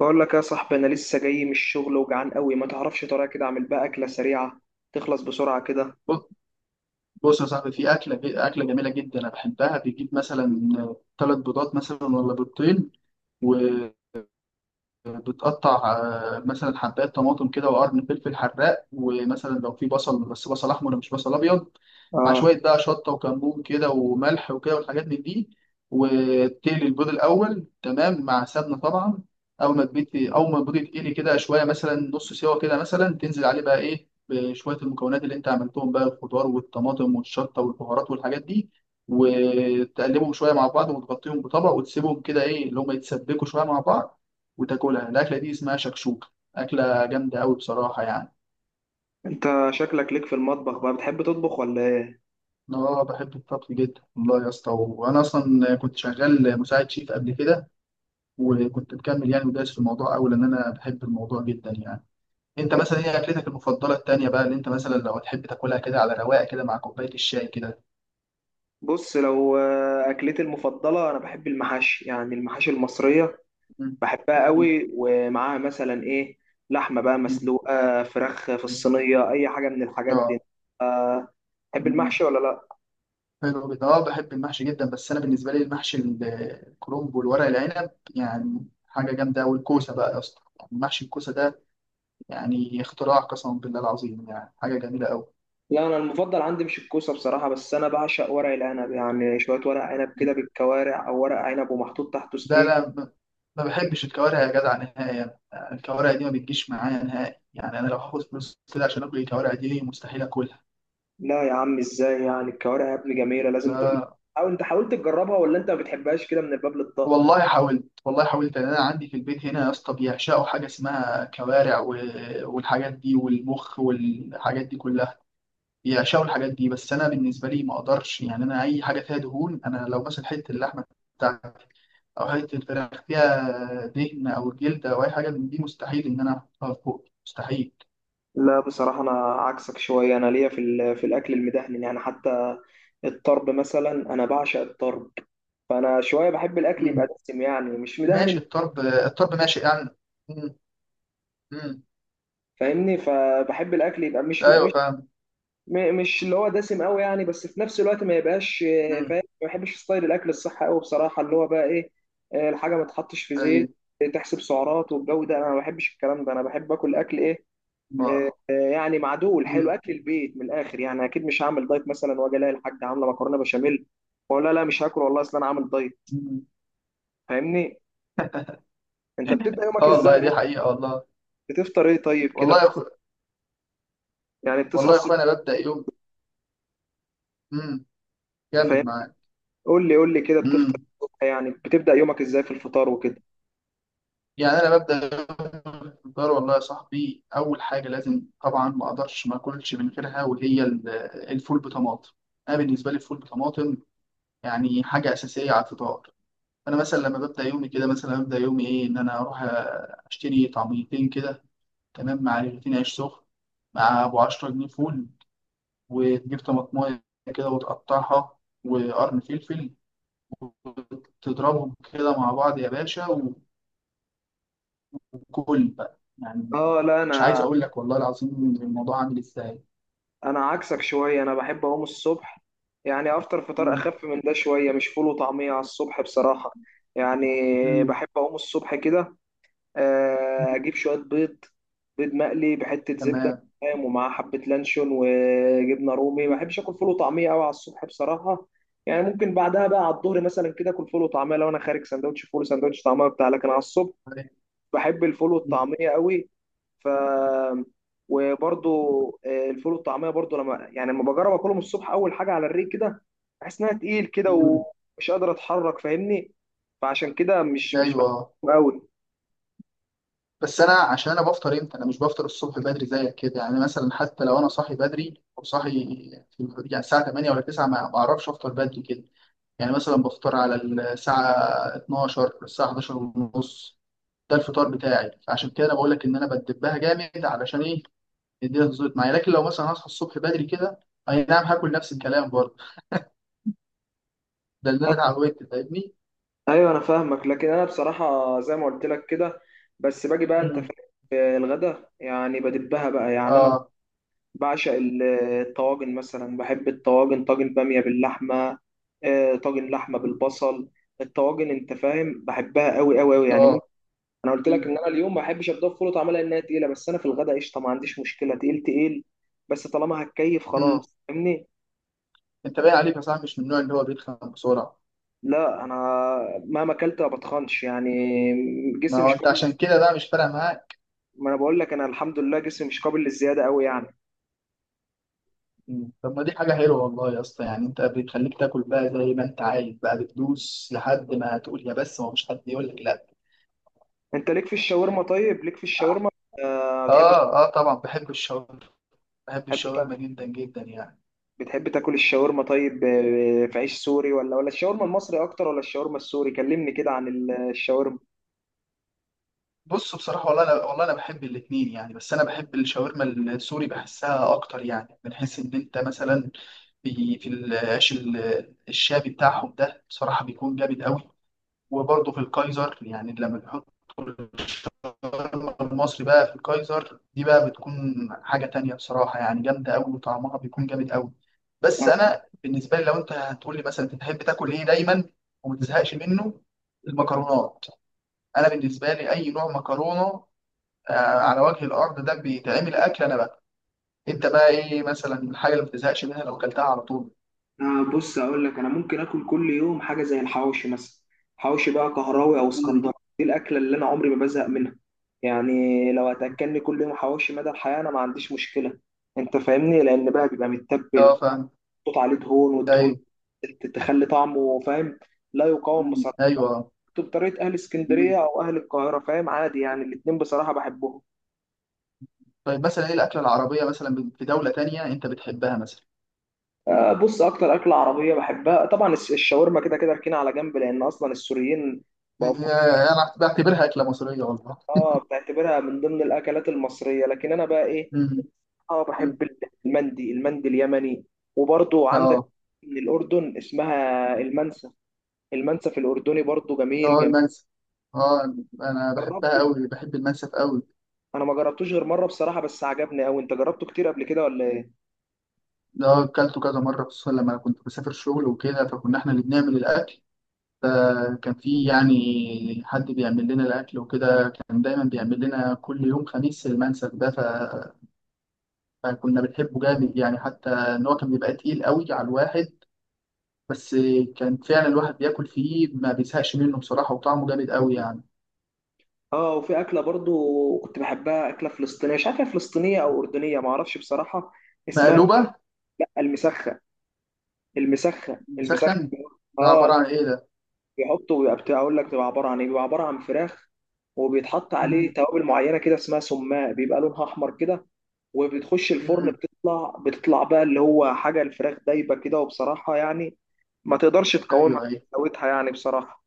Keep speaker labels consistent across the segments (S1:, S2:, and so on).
S1: بقول لك يا صاحبي، انا لسه جاي من الشغل وجعان قوي، ما تعرفش طريقه كده اعمل بقى اكله سريعه تخلص بسرعه كده؟
S2: ب- بص يا صاحبي، في أكلة جميلة جدا أنا بحبها. بتجيب مثلا ثلاث بيضات مثلا ولا بيضتين، و... بتقطع مثلا حبايه طماطم كده وقرن فلفل حراق، ومثلا لو في بصل، بس بصل احمر مش بصل ابيض، مع
S1: اه.
S2: شويه بقى شطه وكمون كده وملح وكده والحاجات من دي. وتقلي البيض الاول، تمام، مع سمنه طبعا. اول ما البيض اول ما البيض يتقلي كده شويه، مثلا نص سوا كده، مثلا تنزل عليه بقى ايه، بشويه المكونات اللي انت عملتهم بقى، الخضار والطماطم والشطه والبهارات والحاجات دي، وتقلبهم شويه مع بعض، وتغطيهم بطبق وتسيبهم كده ايه اللي هم يتسبكوا شويه مع بعض، وتاكلها. الاكله دي اسمها شكشوكه، اكله جامده قوي بصراحه يعني.
S1: انت شكلك ليك في المطبخ، بقى بتحب تطبخ ولا ايه؟
S2: أنا اه بحب الطبخ جدا والله يا اسطى، وانا اصلا كنت شغال مساعد شيف قبل كده، وكنت مكمل يعني ودايس في الموضوع قوي لان انا بحب الموضوع جدا يعني. انت
S1: كنت
S2: مثلا ايه اكلتك المفضله التانيه بقى، اللي انت مثلا لو تحب تاكلها كده على رواقه كده مع كوبايه الشاي كده؟
S1: بص لو اكلتي المفضله، انا بحب المحاشي، يعني المحاشي المصريه،
S2: مم.
S1: بحبها
S2: مم.
S1: قوي. ومعاها مثلا ايه؟ لحمه بقى
S2: مم.
S1: مسلوقه، فراخ في الصينيه، اي حاجه من الحاجات دي.
S2: اه.
S1: آه، تحب
S2: مم.
S1: المحشي ولا لا؟
S2: حلو جدا، اه بحب المحشي جدا، بس انا بالنسبه لي المحشي الكرنب والورق العنب يعني حاجه جامده، والكوسه بقى يا اسطى، محشي الكوسه ده يعني اختراع، قسما بالله العظيم يعني حاجة جميلة أوي.
S1: لا انا المفضل عندي مش الكوسه بصراحه، بس انا بعشق ورق العنب. يعني شويه ورق عنب كده بالكوارع، او ورق عنب ومحطوط تحته
S2: ده
S1: ستيك.
S2: أنا ما بحبش الكوارع يا جدع نهائي، يعني الكوارع دي ما بتجيش معايا نهائي، يعني أنا لو هاخد فلوس كده عشان آكل الكوارع دي مستحيل آكلها.
S1: لا يا عم ازاي يعني، الكوارع يا ابني جميله، لازم
S2: لا،
S1: او انت حاولت تجربها، ولا انت ما بتحبهاش كده من الباب للطاق؟
S2: والله حاولت والله حاولت، يعني أنا عندي في البيت هنا يا اسطى بيعشقوا حاجة اسمها كوارع والحاجات دي والمخ والحاجات دي كلها، بيعشقوا الحاجات دي. بس أنا بالنسبة لي ما أقدرش، يعني أنا أي حاجة فيها دهون، أنا لو مثلا حتة اللحمة بتاعت او حته الفراخ فيها دهن او جلد او اي حاجه من دي، مستحيل ان انا احطها في بوقي، مستحيل.
S1: لا بصراحه انا عكسك شويه، انا ليا في في الاكل المدهن، يعني حتى الطرب مثلا انا بعشق الطرب. فانا شويه بحب الاكل يبقى
S2: مم.
S1: دسم يعني، مش مدهن.
S2: ماشي، الطرب الطرب ماشي يعني. مم. مم.
S1: فاهمني، فبحب الاكل يبقى مش مش
S2: ايوه فاهم.
S1: م- مش اللي هو دسم قوي يعني، بس في نفس الوقت ما يبقاش
S2: مم.
S1: فاهم، ما بحبش ستايل الاكل الصحي قوي بصراحه، اللي هو بقى ايه؟ الحاجه ما تحطش في زيت،
S2: ايوه.
S1: تحسب سعرات، والجو ده انا ما بحبش الكلام ده. انا بحب اكل اكل ايه؟
S2: ما.
S1: يعني معدول حلو،
S2: مم.
S1: اكل البيت من الاخر. يعني اكيد مش هعمل دايت مثلا واجي الاقي الحاجه عامله مكرونه بشاميل واقول لا لا مش هاكل والله، اصل انا عامل دايت.
S2: مم.
S1: فاهمني؟ انت بتبدا
S2: اه
S1: يومك
S2: والله
S1: ازاي
S2: دي
S1: اصلا؟
S2: حقيقه والله.
S1: بتفطر ايه طيب كده
S2: والله يا اخو،
S1: يعني بتصحى
S2: والله يا
S1: الصبح؟
S2: اخويا انا ببدا يوم. مم. كمل
S1: فاهمني؟
S2: معايا.
S1: قول لي قول لي كده، بتفطر
S2: مم.
S1: إيه الصبح؟ يعني بتبدا يومك ازاي في الفطار وكده؟
S2: يعني انا ببدا يوم الفطار، والله يا صاحبي اول حاجه لازم طبعا، ما اقدرش ما اكلش من غيرها، وهي الفول بطماطم. انا بالنسبه لي الفول بطماطم يعني حاجة أساسية على الفطار. أنا مثلا لما ببدأ يومي كده، مثلا ببدأ يومي إيه، إن أنا أروح أشتري طعميتين كده تمام، مع رغيفين عيش سخن، مع أبو 10 جنيه فول، وتجيب طماطماية كده وتقطعها، وقرن فلفل، وتضربهم كده مع بعض يا باشا، وكل بقى يعني.
S1: اه لا، انا
S2: مش عايز أقول لك والله العظيم الموضوع عامل إزاي.
S1: انا عكسك شويه، انا بحب اقوم الصبح يعني افطر فطار
S2: مم.
S1: اخف من ده شويه. مش فول وطعميه على الصبح بصراحه. يعني
S2: مم.
S1: بحب اقوم الصبح كده،
S2: مم.
S1: اجيب شويه بيض، بيض مقلي بحته زبده
S2: تمام.
S1: فاهم، ومعاه حبه لانشون وجبنه رومي. ما
S2: مم.
S1: بحبش اكل فول وطعميه قوي على الصبح بصراحه. يعني ممكن بعدها بقى على الظهر مثلا كده اكل فول وطعميه، لو انا خارج سندوتش فول سندوتش طعميه بتاع، لكن على الصبح
S2: طيب.
S1: بحب الفول
S2: مم.
S1: والطعمية قوي. ف وبرضو الفول والطعمية برضو، لما بجرب اكلهم الصبح اول حاجة على الريق كده، بحس انها تقيل كده
S2: مم.
S1: ومش قادر اتحرك فاهمني. فعشان كده مش
S2: أيوه.
S1: بحبهم قوي.
S2: بس انا عشان انا بفطر امتى، انا مش بفطر الصبح بدري زيك كده، يعني مثلا حتى لو انا صاحي بدري او صاحي في يعني الساعه 8 ولا 9، ما بعرفش افطر بدري كده، يعني مثلا بفطر على الساعه 12، الساعه 11 ونص، ده الفطار بتاعي. عشان كده انا بقول لك ان انا بدبها جامد علشان ايه الدنيا تظبط معايا، لكن لو مثلا هصحى الصبح بدري كده، اي نعم هاكل نفس الكلام برضه، ده اللي انا اتعودت، فاهمني؟
S1: ايوه انا فاهمك. لكن انا بصراحه زي ما قلت لك كده، بس باجي بقى انت
S2: مم.
S1: في الغدا يعني بدبها بقى. يعني انا
S2: اه
S1: بعشق الطواجن مثلا، بحب الطواجن، طاجن بامية باللحمة، طاجن لحمة بالبصل، الطواجن انت فاهم، بحبها قوي قوي قوي يعني، ممكن.
S2: اه.
S1: انا قلت
S2: مم.
S1: لك ان انا اليوم ما بحبش ابدا فول طعمها انها تقيلة، بس انا في الغداء قشطة ما عنديش مشكلة، تقيل تقيل، بس طالما هتكيف
S2: مم.
S1: خلاص فاهمني.
S2: انت باين عليك يا صاحبي مش من النوع اللي هو بيتخن بسرعه.
S1: لا انا مهما اكلت ما بتخنش يعني،
S2: ما
S1: جسمي
S2: هو
S1: مش
S2: انت
S1: قابل.
S2: عشان كده بقى مش فارق معاك.
S1: ما انا بقول لك، انا الحمد لله جسمي مش قابل للزيادة قوي يعني.
S2: مم. طب ما دي حاجة حلوة والله يا اسطى، يعني انت بتخليك تاكل بقى زي ما انت عايز بقى، بتدوس لحد ما تقول يا بس، ما فيش حد يقول لك لا.
S1: انت ليك في الشاورما؟ طيب ليك في الشاورما آه، ما
S2: اه. اه طبعا بحب الشاورما، بحب الشاورما
S1: بتحبش؟
S2: جدا جدا يعني.
S1: بتحب تاكل الشاورما طيب، في عيش سوري، ولا الشاورما المصري اكتر ولا الشاورما السوري؟ كلمني كده عن الشاورما.
S2: بص بصراحة والله انا، والله انا بحب الاتنين يعني، بس انا بحب الشاورما السوري بحسها اكتر، يعني بنحس ان انت مثلا في في العيش الشابي بتاعهم ده بصراحة بيكون جامد قوي. وبرضه في الكايزر، يعني لما بيحط المصري بقى في الكايزر دي بقى، بتكون حاجة تانية بصراحة يعني، جامدة أوي وطعمها بيكون جامد أوي. بس أنا بالنسبة لي لو أنت هتقول لي مثلا أنت تحب تاكل إيه دايما وما تزهقش منه، المكرونات. أنا بالنسبة لي أي نوع مكرونة آه، على وجه الأرض ده بيتعمل أكل أنا بقى. أنت بقى إيه مثلا الحاجة اللي ما بتزهقش منها لو أكلتها على طول؟
S1: أنا بص أقول لك، أنا ممكن آكل كل يوم حاجة زي الحواوشي مثلا. حواوشي بقى كهراوي أو
S2: مم.
S1: اسكندراني، دي الأكلة اللي أنا عمري ما بزهق منها يعني. لو هتأكلني كل يوم حواوشي مدى الحياة أنا ما عنديش مشكلة أنت فاهمني، لأن بقى بيبقى متبل،
S2: أه فاهم.
S1: محطوط عليه دهون، والدهون
S2: أيوه.
S1: تخلي طعمه فاهم، لا يقاوم
S2: مم.
S1: بصراحة.
S2: أيوه.
S1: بطريقة أهل
S2: مم.
S1: اسكندرية أو أهل القاهرة فاهم، عادي يعني الاتنين بصراحة بحبهم.
S2: طيب مثلا إيه الأكلة العربية مثلا في دولة تانية أنت بتحبها مثلا؟
S1: بص، اكتر اكله عربيه بحبها طبعا الشاورما كده كده ركينه على جنب، لان اصلا السوريين بقوا في-
S2: يا- انا بعتبرها اكله مصريه والله.
S1: اه بتعتبرها من ضمن الاكلات المصريه، لكن انا بقى ايه؟
S2: مم.
S1: اه بحب
S2: مم.
S1: المندي، المندي اليمني. وبرضو عندك
S2: اه.
S1: من الاردن اسمها المنسف، المنسف الاردني برضو جميل
S2: اه
S1: جميل.
S2: المنسف، اه انا بحبها
S1: جربته؟
S2: قوي، بحب المنسف قوي.
S1: انا ما جربتوش غير مره بصراحه، بس عجبني قوي. انت جربته كتير قبل كده ولا ايه؟
S2: ده اكلته كذا مره، خصوصا لما كنت بسافر شغل وكده، فكنا احنا اللي بنعمل الاكل. فكان في يعني حد بيعمل لنا الاكل وكده، كان دايما بيعمل لنا كل يوم خميس المنسف ده، فكنا بنحبه جامد، يعني حتى ان هو كان بيبقى تقيل قوي على الواحد، بس كان فعلا الواحد بياكل فيه ما بيزهقش منه بصراحه، وطعمه جامد قوي يعني.
S1: اه، وفي اكله برضو كنت بحبها، اكله فلسطينيه، مش عارفه هي فلسطينيه او اردنيه ما اعرفش بصراحه. اسمها
S2: مقلوبه.
S1: المسخن، المسخن
S2: مسخن.
S1: المسخن.
S2: ده
S1: اه،
S2: عبارة عن إيه ده؟
S1: بيحطه ويبقى بتاع اقول لك بيبقى عباره عن ايه، بيبقى عباره عن فراخ، وبيتحط عليه
S2: مم.
S1: توابل معينه كده اسمها سماق، بيبقى لونها احمر كده، وبتخش الفرن
S2: مم.
S1: بتطلع بقى اللي هو حاجه الفراخ دايبه كده، وبصراحه يعني ما تقدرش تقاومها،
S2: أيوه أيوه.
S1: حلاوتها يعني بصراحه.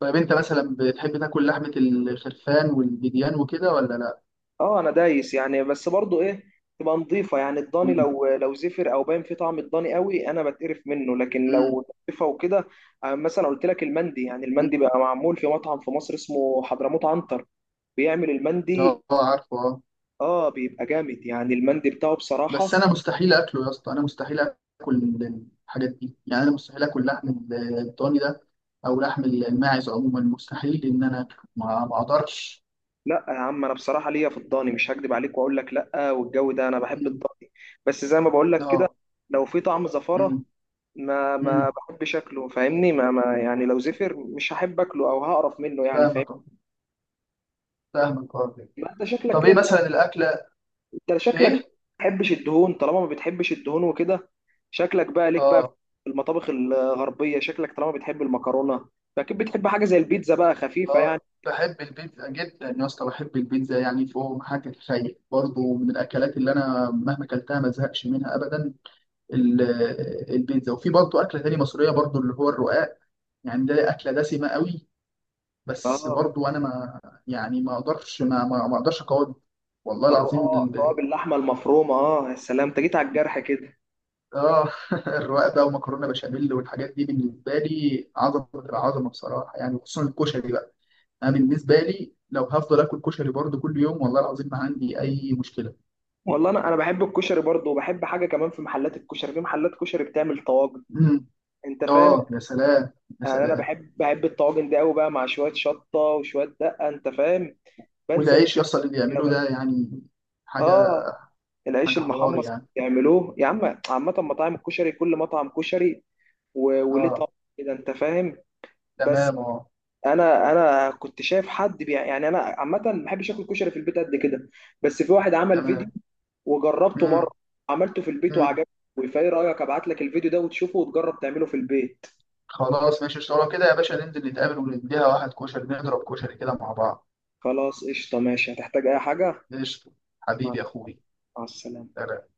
S2: طيب أنت مثلا بتحب تاكل لحمة الخرفان والبيديان وكده ولا لأ؟
S1: اه انا دايس يعني، بس برضو ايه، تبقى نظيفه يعني. الضاني
S2: مم.
S1: لو زفر او باين فيه طعم الضاني قوي انا بتقرف منه، لكن
S2: مم.
S1: لو نظيفه وكده. مثلا قلت لك المندي، يعني
S2: مم.
S1: المندي بقى معمول في مطعم في مصر اسمه حضرموت عنتر، بيعمل
S2: أه.
S1: المندي.
S2: عارفه أه.
S1: اه بيبقى جامد يعني المندي بتاعه
S2: بس
S1: بصراحه.
S2: أنا مستحيل أكله يا اسطى، أنا مستحيل أكل الحاجات دي، يعني أنا مستحيل أكل لحم الضاني ده، أو لحم الماعز عموما، مستحيل إن أنا أكله، ما أقدرش.
S1: لا يا عم انا بصراحه ليا في الضاني، مش هكدب عليك واقول لك لا والجو ده، انا بحب
S2: مم.
S1: الضاني. بس زي ما بقول لك كده،
S2: أه.
S1: لو في طعم زفاره
S2: مم.
S1: ما
S2: مم.
S1: بحب شكله فاهمني، ما يعني لو زفر مش هحب اكله او هقرف منه يعني فاهمني.
S2: فاهمك أه. فاهمك أه.
S1: ما انت شكلك
S2: طب
S1: كده،
S2: إيه
S1: طالما
S2: مثلا الأكلة؟
S1: انت شكلك ما
S2: إيه؟
S1: بتحبش الدهون، طالما ما بتحبش الدهون وكده، شكلك بقى ليك بقى
S2: أه.
S1: في المطابخ الغربية. شكلك طالما بتحب المكرونة، فاكيد بتحب حاجة زي البيتزا بقى خفيفة يعني.
S2: اه بحب البيتزا جدا يا اسطى، بحب البيتزا يعني فوق ما حد يتخيل، برضه من الاكلات اللي انا مهما اكلتها ما زهقش منها ابدا، ال- البيتزا. وفي برضه اكله تاني مصريه برضه اللي هو الرقاق، يعني ده اكله دسمه قوي، بس
S1: اه،
S2: برضه انا ما اقدرش ما اقدرش اقاوم والله العظيم
S1: الرقاق، رقاق باللحمة المفرومة اه، يا سلام، انت جيت على الجرح كده.
S2: اه، الرقاق بقى ومكرونه بشاميل والحاجات دي بالنسبه لي عظمه، عظمه بصراحه يعني. خصوصا الكشري بقى، انا بالنسبه لي لو هفضل اكل كشري برضو كل يوم والله العظيم ما عندي اي مشكله.
S1: والله انا بحب الكشري برضه، وبحب حاجه كمان، في محلات الكشري، في محلات كشري بتعمل طواجن
S2: امم.
S1: انت فاهم.
S2: اه يا سلام، يا
S1: يعني انا
S2: سلام.
S1: بحب الطواجن دي قوي بقى، مع شويه شطه وشويه دقه انت فاهم، بنسى
S2: والعيش يصل اللي
S1: الدنيا
S2: بيعمله
S1: بقى.
S2: ده يعني، حاجه،
S1: اه، العيش
S2: حاجه حوار
S1: المحمص
S2: يعني.
S1: يعملوه يا عم. عامه مطاعم الكشري، كل مطعم كشري وليه طعم
S2: اه.
S1: كده انت فاهم. بس
S2: تمام اه.
S1: انا كنت شايف حد بيع يعني، انا عامه ما بحبش اكل كشري في البيت قد كده، بس في واحد عمل فيديو
S2: تمام.
S1: وجربته مره،
S2: امم.
S1: عملته في البيت
S2: امم.
S1: وعجبني. فايه رايك ابعت لك الفيديو ده وتشوفه وتجرب تعمله في البيت؟
S2: خلاص ماشي، اشتغل كده يا باشا، ننزل نتقابل ونديها واحد كشري، نضرب كشري كده مع بعض.
S1: خلاص قشطه ماشي، هتحتاج اي حاجه.
S2: قشطه.
S1: مع
S2: حبيبي يا اخوي.
S1: مع السلامه.
S2: سلام.